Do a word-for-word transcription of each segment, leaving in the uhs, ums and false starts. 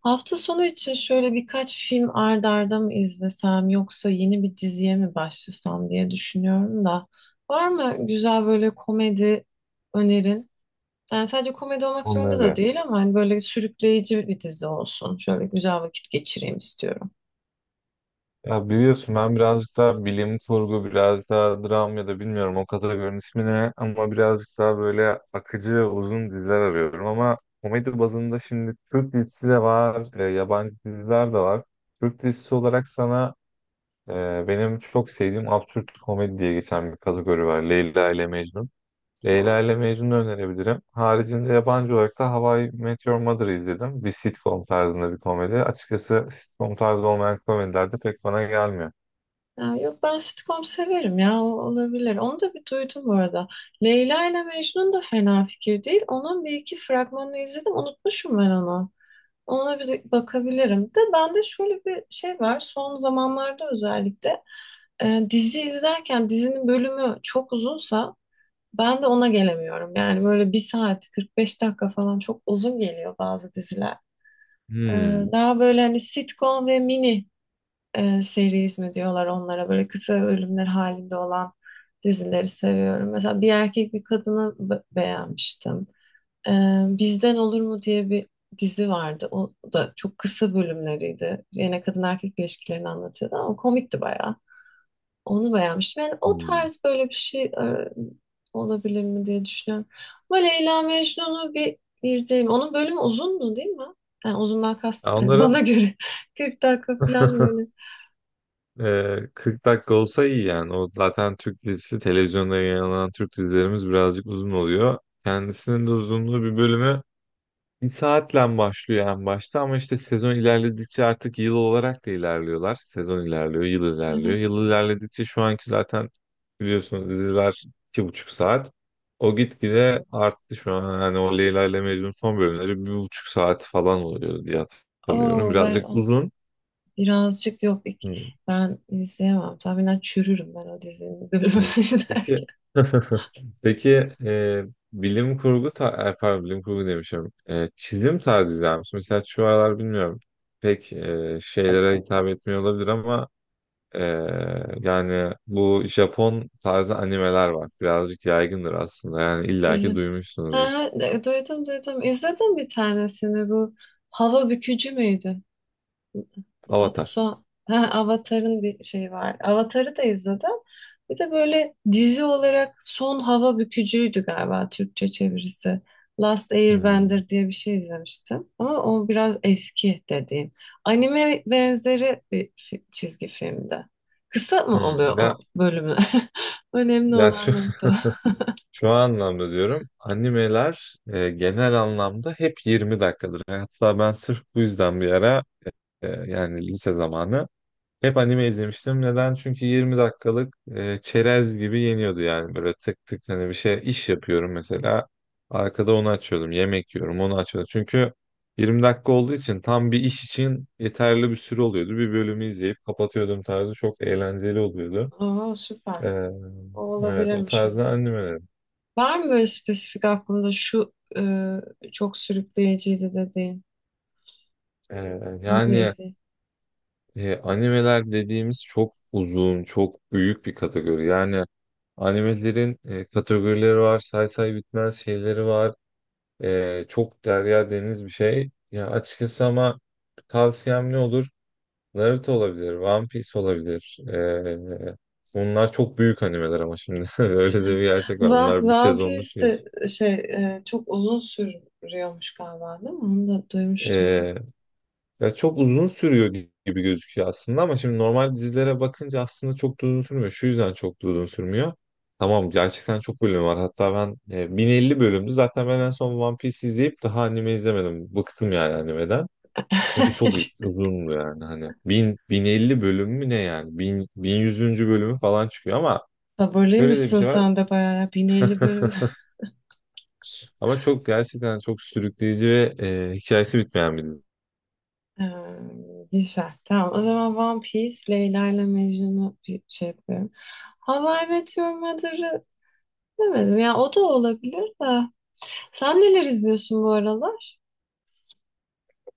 Hafta sonu için şöyle birkaç film ard arda mı izlesem yoksa yeni bir diziye mi başlasam diye düşünüyorum da. Var mı güzel böyle komedi önerin? Yani sadece komedi olmak zorunda da Onları. değil ama hani böyle sürükleyici bir dizi olsun. Şöyle güzel vakit geçireyim istiyorum. Ya biliyorsun ben birazcık daha bilim kurgu, biraz daha dram ya da bilmiyorum o kategorinin ismi ne ama birazcık daha böyle akıcı ve uzun diziler arıyorum ama komedi bazında şimdi Türk dizisi de var, e, yabancı diziler de var. Türk dizisi olarak sana e, benim çok sevdiğim absürt komedi diye geçen bir kategori var. Leyla ile Mecnun. Leyla ile Mecnun'u önerebilirim. Haricinde yabancı olarak da How I Met Your Mother'ı izledim. Bir sitcom tarzında bir komedi. Açıkçası sitcom tarzı olmayan komediler de pek bana gelmiyor. Ya yok ben sitcom severim ya o olabilir. Onu da bir duydum bu arada. Leyla ile Mecnun da fena fikir değil. Onun bir iki fragmanını izledim. Unutmuşum ben onu. Ona bir bakabilirim. De bende şöyle bir şey var. Son zamanlarda özellikle e, dizi izlerken dizinin bölümü çok uzunsa ben de ona gelemiyorum. Yani böyle bir saat kırk beş dakika falan çok uzun geliyor bazı diziler. E, Hmm. Daha böyle hani sitcom ve mini e, series mi diyorlar onlara böyle kısa bölümler halinde olan dizileri seviyorum. Mesela Bir Erkek Bir Kadını be- beğenmiştim. Ee, Bizden Olur mu diye bir dizi vardı. O da çok kısa bölümleriydi. Yine kadın erkek ilişkilerini anlatıyordu ama komikti bayağı. Onu beğenmiştim. Yani o Hmm. tarz böyle bir şey e, olabilir mi diye düşünüyorum. Ama Leyla Mecnun'u bir izleyeyim. Onun bölümü uzundu değil mi? Yani uzundan Ya kastım, yani bana Onların göre kırk dakika falan böyle. e, kırk dakika olsa iyi yani. O zaten Türk dizisi, televizyonda yayınlanan Türk dizilerimiz birazcık uzun oluyor. Kendisinin de uzunluğu bir bölümü Bir saatle başlıyor en başta ama işte sezon ilerledikçe artık yıl olarak da ilerliyorlar. Sezon ilerliyor, yıl Hı ilerliyor. hı. Yıl ilerledikçe şu anki zaten biliyorsunuz diziler iki buçuk saat. O gitgide arttı şu an. Hani o Leyla ile Mecnun son bölümleri bir buçuk saat falan oluyor diye hatırlıyorum. Oo, ben Birazcık onu uzun. birazcık yok. İk- ben izleyemem. Tahminen çürürüm ben o dizinin bölümünü Hmm, Peki izlerken. peki e, bilim kurgu ta e, pardon, bilim kurgu demişim. E, çizim tarzı izler misin? Mesela şu aralar bilmiyorum. Pek e, şeylere hitap etmiyor olabilir ama e, yani bu Japon tarzı animeler var. Birazcık yaygındır aslında. Yani illaki Sizin. duymuşsunuz. Ha, e, duydum, duydum. İzledim bir tanesini bu. Hava bükücü müydü? Avatar. Son, ha, Avatar'ın bir şeyi var. Avatar'ı da izledim. Bir de böyle dizi olarak Son Hava Bükücü'ydü galiba Türkçe çevirisi. Last Hmm. Airbender diye bir şey izlemiştim. Ama o biraz eski dediğim. Anime benzeri bir fi- çizgi filmde. Kısa mı Hmm. oluyor o Ya, bölümler? Önemli ya şu, olan nokta. şu anlamda diyorum. Animeler e, genel anlamda hep yirmi dakikadır. Hatta ben sırf bu yüzden bir ara Ee, yani lise zamanı. Hep anime izlemiştim. Neden? Çünkü yirmi dakikalık e, çerez gibi yeniyordu yani böyle tık tık hani bir şey iş yapıyorum mesela. Arkada onu açıyordum. Yemek yiyorum onu açıyordum. Çünkü yirmi dakika olduğu için tam bir iş için yeterli bir süre oluyordu. Bir bölümü izleyip kapatıyordum tarzı çok eğlenceli oluyordu. O. Oo, süper. Ee, O evet o olabilirmiş o tarzda zaman. animelerim. Var mı böyle spesifik aklında şu e, çok sürükleyiciydi dediğin? Ee, Onu bir yani izleyeyim. E, animeler dediğimiz çok uzun, çok büyük bir kategori. Yani animelerin e, kategorileri var, say say bitmez şeyleri var. E, çok derya deniz bir şey. Ya açıkçası ama tavsiyem ne olur? Naruto olabilir, One Piece olabilir. E, bunlar çok büyük animeler ama şimdi öyle de bir gerçek var. Va Bunlar bir Vampires sezonluk değil. de e, şey e, çok uzun sürüyormuş galiba değil mi? Onu da duymuştum. E, Ya çok uzun sürüyor gibi gözüküyor aslında ama şimdi normal dizilere bakınca aslında çok da uzun sürmüyor. Şu yüzden çok da uzun sürmüyor. Tamam gerçekten çok bölüm var. Hatta ben e, bin elli bölümdü. Zaten ben en son One Piece izleyip daha anime izlemedim. Bıktım yani animeden. Çünkü çok uzundu yani hani. bin, bin elli bölüm mü ne yani? bin, bin yüz. bölümü falan çıkıyor ama şöyle de bir Sabırlıymışsın şey var. sen de bayağı ya. bin elli bölüm. Ama çok gerçekten çok sürükleyici ve e, hikayesi bitmeyen bir dizi. Ee, Güzel. Tamam o zaman One Piece, Leyla ile Mecnun'u bir şey yapıyorum. How I Met Your Mother'ı demedim. Ya o da olabilir de. Sen neler izliyorsun bu aralar?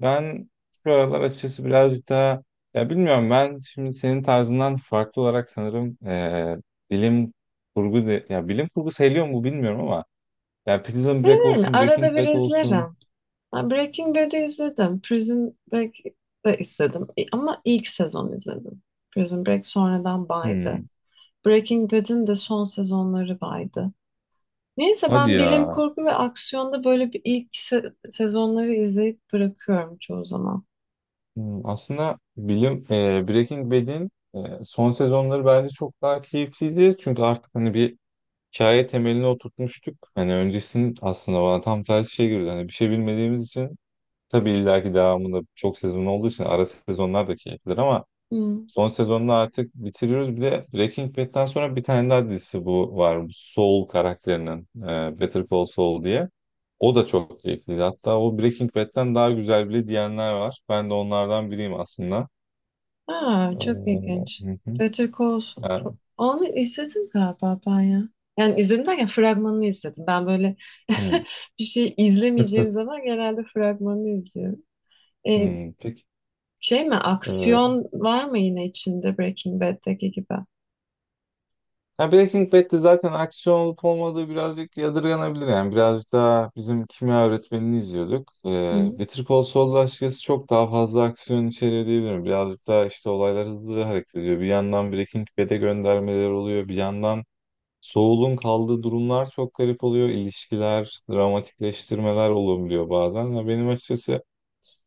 Ben şu aralar açıkçası birazcık daha ya bilmiyorum ben şimdi senin tarzından farklı olarak sanırım eee, bilim kurgu de, ya bilim kurgu sayılıyor mu bilmiyorum ama ya Prison Öyle Break değil mi? olsun Arada Breaking bir Bad olsun. izlerim. Ben Breaking Bad'i izledim. Prison Break'i de izledim. E, Ama ilk sezon izledim. Prison Break sonradan baydı. Hmm, Breaking Bad'in de son sezonları baydı. Neyse hadi ben bilim ya. kurgu ve aksiyonda böyle bir ilk se- sezonları izleyip bırakıyorum çoğu zaman. Hmm, aslında bilim eee, Breaking Bad'in eee, son sezonları bence çok daha keyifliydi çünkü artık hani bir hikaye temelini oturtmuştuk hani öncesinin aslında bana tam tersi şey görüyordu hani bir şey bilmediğimiz için. Tabii illaki devamında çok sezon olduğu için ara sezonlar da keyiflidir ama Hmm. son sezonunu artık bitiriyoruz. Bir de Breaking Bad'den sonra bir tane daha dizisi bu var. Bu Saul karakterinin e, Better Call Saul diye. O da çok keyifliydi. Hatta o Breaking Bad'den daha güzel bile diyenler var. Ben de onlardan biriyim aslında. Ee, Aa, çok ilginç. Hı hı. Better Call Ha, Saul, onu izledim galiba ben ya. Yani izledim derken fragmanını izledim. Ben böyle hı. bir şey izlemeyeceğim zaman genelde fragmanını izliyorum. E, Hmm, peki. Şey mi, E, aksiyon var mı yine içinde Breaking Bad'deki gibi? Ya Breaking Bad'de zaten aksiyon olup olmadığı birazcık yadırganabilir yani. Birazcık daha bizim kimya öğretmenini izliyorduk. Ee, Hı. Better Call Saul'da açıkçası çok daha fazla aksiyon içeriyor diyebilirim. Birazcık daha işte olaylar hızlı hareket ediyor. Bir yandan Breaking Bad'e göndermeler oluyor. Bir yandan Saul'un kaldığı durumlar çok garip oluyor. İlişkiler, dramatikleştirmeler olabiliyor bazen. Ya benim açıkçası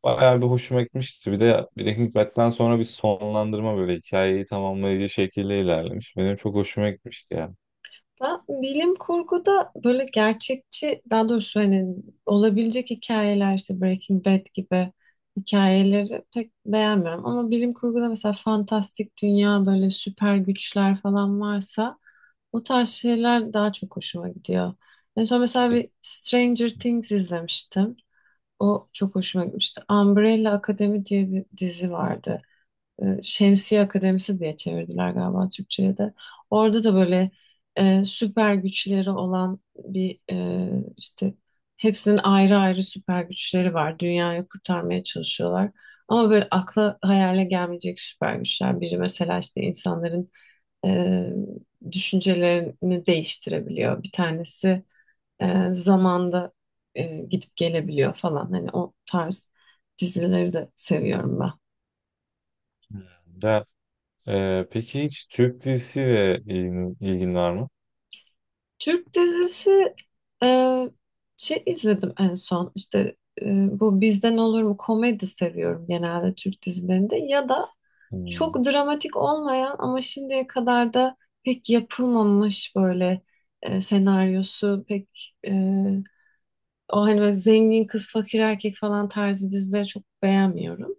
bayağı bir hoşuma gitmişti. Bir de Breaking Bad'den sonra bir sonlandırma böyle hikayeyi tamamlayıcı şekilde ilerlemiş. Benim çok hoşuma gitmişti ya. Ben bilim kurguda böyle gerçekçi, daha doğrusu hani olabilecek hikayeler, işte Breaking Bad gibi hikayeleri pek beğenmiyorum. Ama bilim kurguda mesela fantastik dünya, böyle süper güçler falan varsa o tarz şeyler daha çok hoşuma gidiyor. En son mesela bir Stranger Things izlemiştim. O çok hoşuma gitmişti. Umbrella Academy diye bir dizi vardı, e, Şemsiye Akademisi diye çevirdiler galiba Türkçe'ye de. Orada da böyle e, süper güçleri olan bir, e, işte hepsinin ayrı ayrı süper güçleri var. Dünyayı kurtarmaya çalışıyorlar. Ama böyle akla hayale gelmeyecek süper güçler. Biri mesela işte insanların e, düşüncelerini değiştirebiliyor. Bir tanesi e, zamanda e, gidip gelebiliyor falan. Hani o tarz dizileri de seviyorum ben. Ya, e, peki hiç Türk dizisiyle ilgin, ilgin var mı? Türk dizisi, e, şey izledim en son, işte e, bu Bizden Olur mu. Komedi seviyorum genelde Türk dizilerinde, ya da Hmm. çok dramatik olmayan ama şimdiye kadar da pek yapılmamış böyle e, senaryosu pek e, o hani böyle zengin kız fakir erkek falan tarzı dizileri çok beğenmiyorum.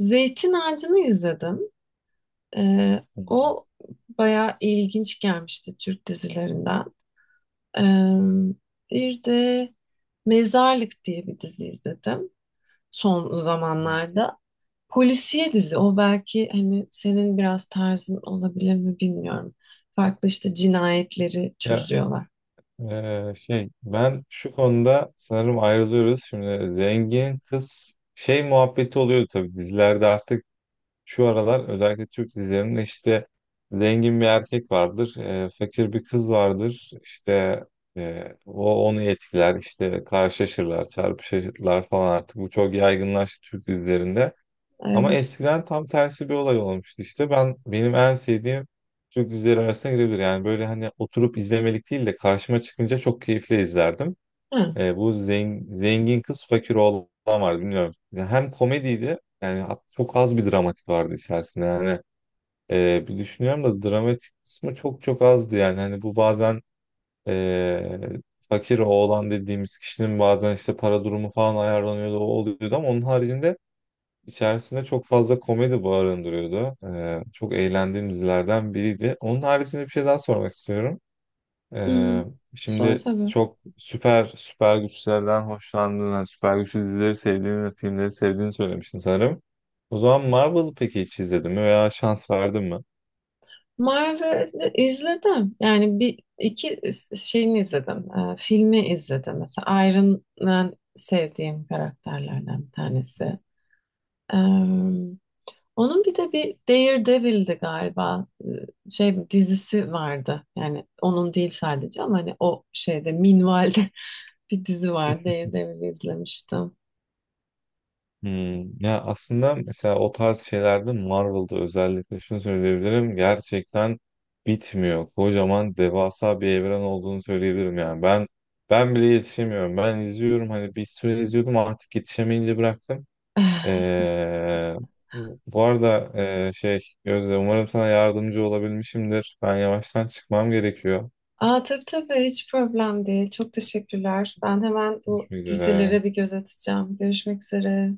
Zeytin Ağacı'nı izledim. E, o bayağı ilginç gelmişti Türk dizilerinden. Ee, Bir de Mezarlık diye bir dizi izledim son zamanlarda. Polisiye dizi o, belki hani senin biraz tarzın olabilir mi bilmiyorum. Farklı işte cinayetleri Ya çözüyorlar. e, şey ben şu konuda sanırım ayrılıyoruz. Şimdi zengin kız şey muhabbeti oluyor tabii dizilerde artık şu aralar özellikle Türk dizilerinde işte zengin bir erkek vardır, e, fakir bir kız vardır. İşte e, o onu etkiler, işte karşılaşırlar, çarpışırlar falan artık. Bu çok yaygınlaştı Türk dizilerinde. Ama Evet. eskiden tam tersi bir olay olmuştu işte. Ben benim en sevdiğim Türk dizileri arasına girebilir. Yani böyle hani oturup izlemelik değil de karşıma çıkınca çok keyifle izlerdim. Ha. Ee, bu zengin, zengin kız fakir oğlan vardı bilmiyorum. Ya hem komediydi yani hat- çok az bir dramatik vardı içerisinde. Yani e, bir düşünüyorum da dramatik kısmı çok çok azdı yani. Hani bu bazen e, fakir oğlan dediğimiz kişinin bazen işte para durumu falan ayarlanıyordu o oluyordu ama onun haricinde İçerisinde çok fazla komedi barındırıyordu. Ee, çok eğlendiğim dizilerden biriydi. Onun haricinde bir şey daha sormak istiyorum. Hı hı. Ee, Sonra Şimdi tabii. çok süper süper güçlerden hoşlandığını, süper güçlü dizileri sevdiğini, filmleri sevdiğini söylemiştin sanırım. O zaman Marvel'ı peki hiç izledin mi veya şans verdin mi? Marvel'ı izledim. Yani bir iki şeyini izledim. Ee, filmi izledim. Mesela Iron Man sevdiğim karakterlerden bir tanesi. Ee, Onun bir de bir Daredevil'di galiba. Ee, Şey dizisi vardı. Yani onun değil sadece ama hani o şeyde minvalde bir dizi var. Daredevil'i izlemiştim. Hmm, ya aslında mesela o tarz şeylerde Marvel'da özellikle şunu söyleyebilirim gerçekten bitmiyor. Kocaman devasa bir evren olduğunu söyleyebilirim yani. Ben ben bile yetişemiyorum. Ben izliyorum hani bir süre izliyordum artık yetişemeyince bıraktım. Ee, Bu arada e, şey Gözde umarım sana yardımcı olabilmişimdir. Ben yavaştan çıkmam gerekiyor. Aa, tabii tabii, hiç problem değil. Çok teşekkürler. Ben hemen bu Görüşmek üzere. dizilere bir göz atacağım. Görüşmek üzere.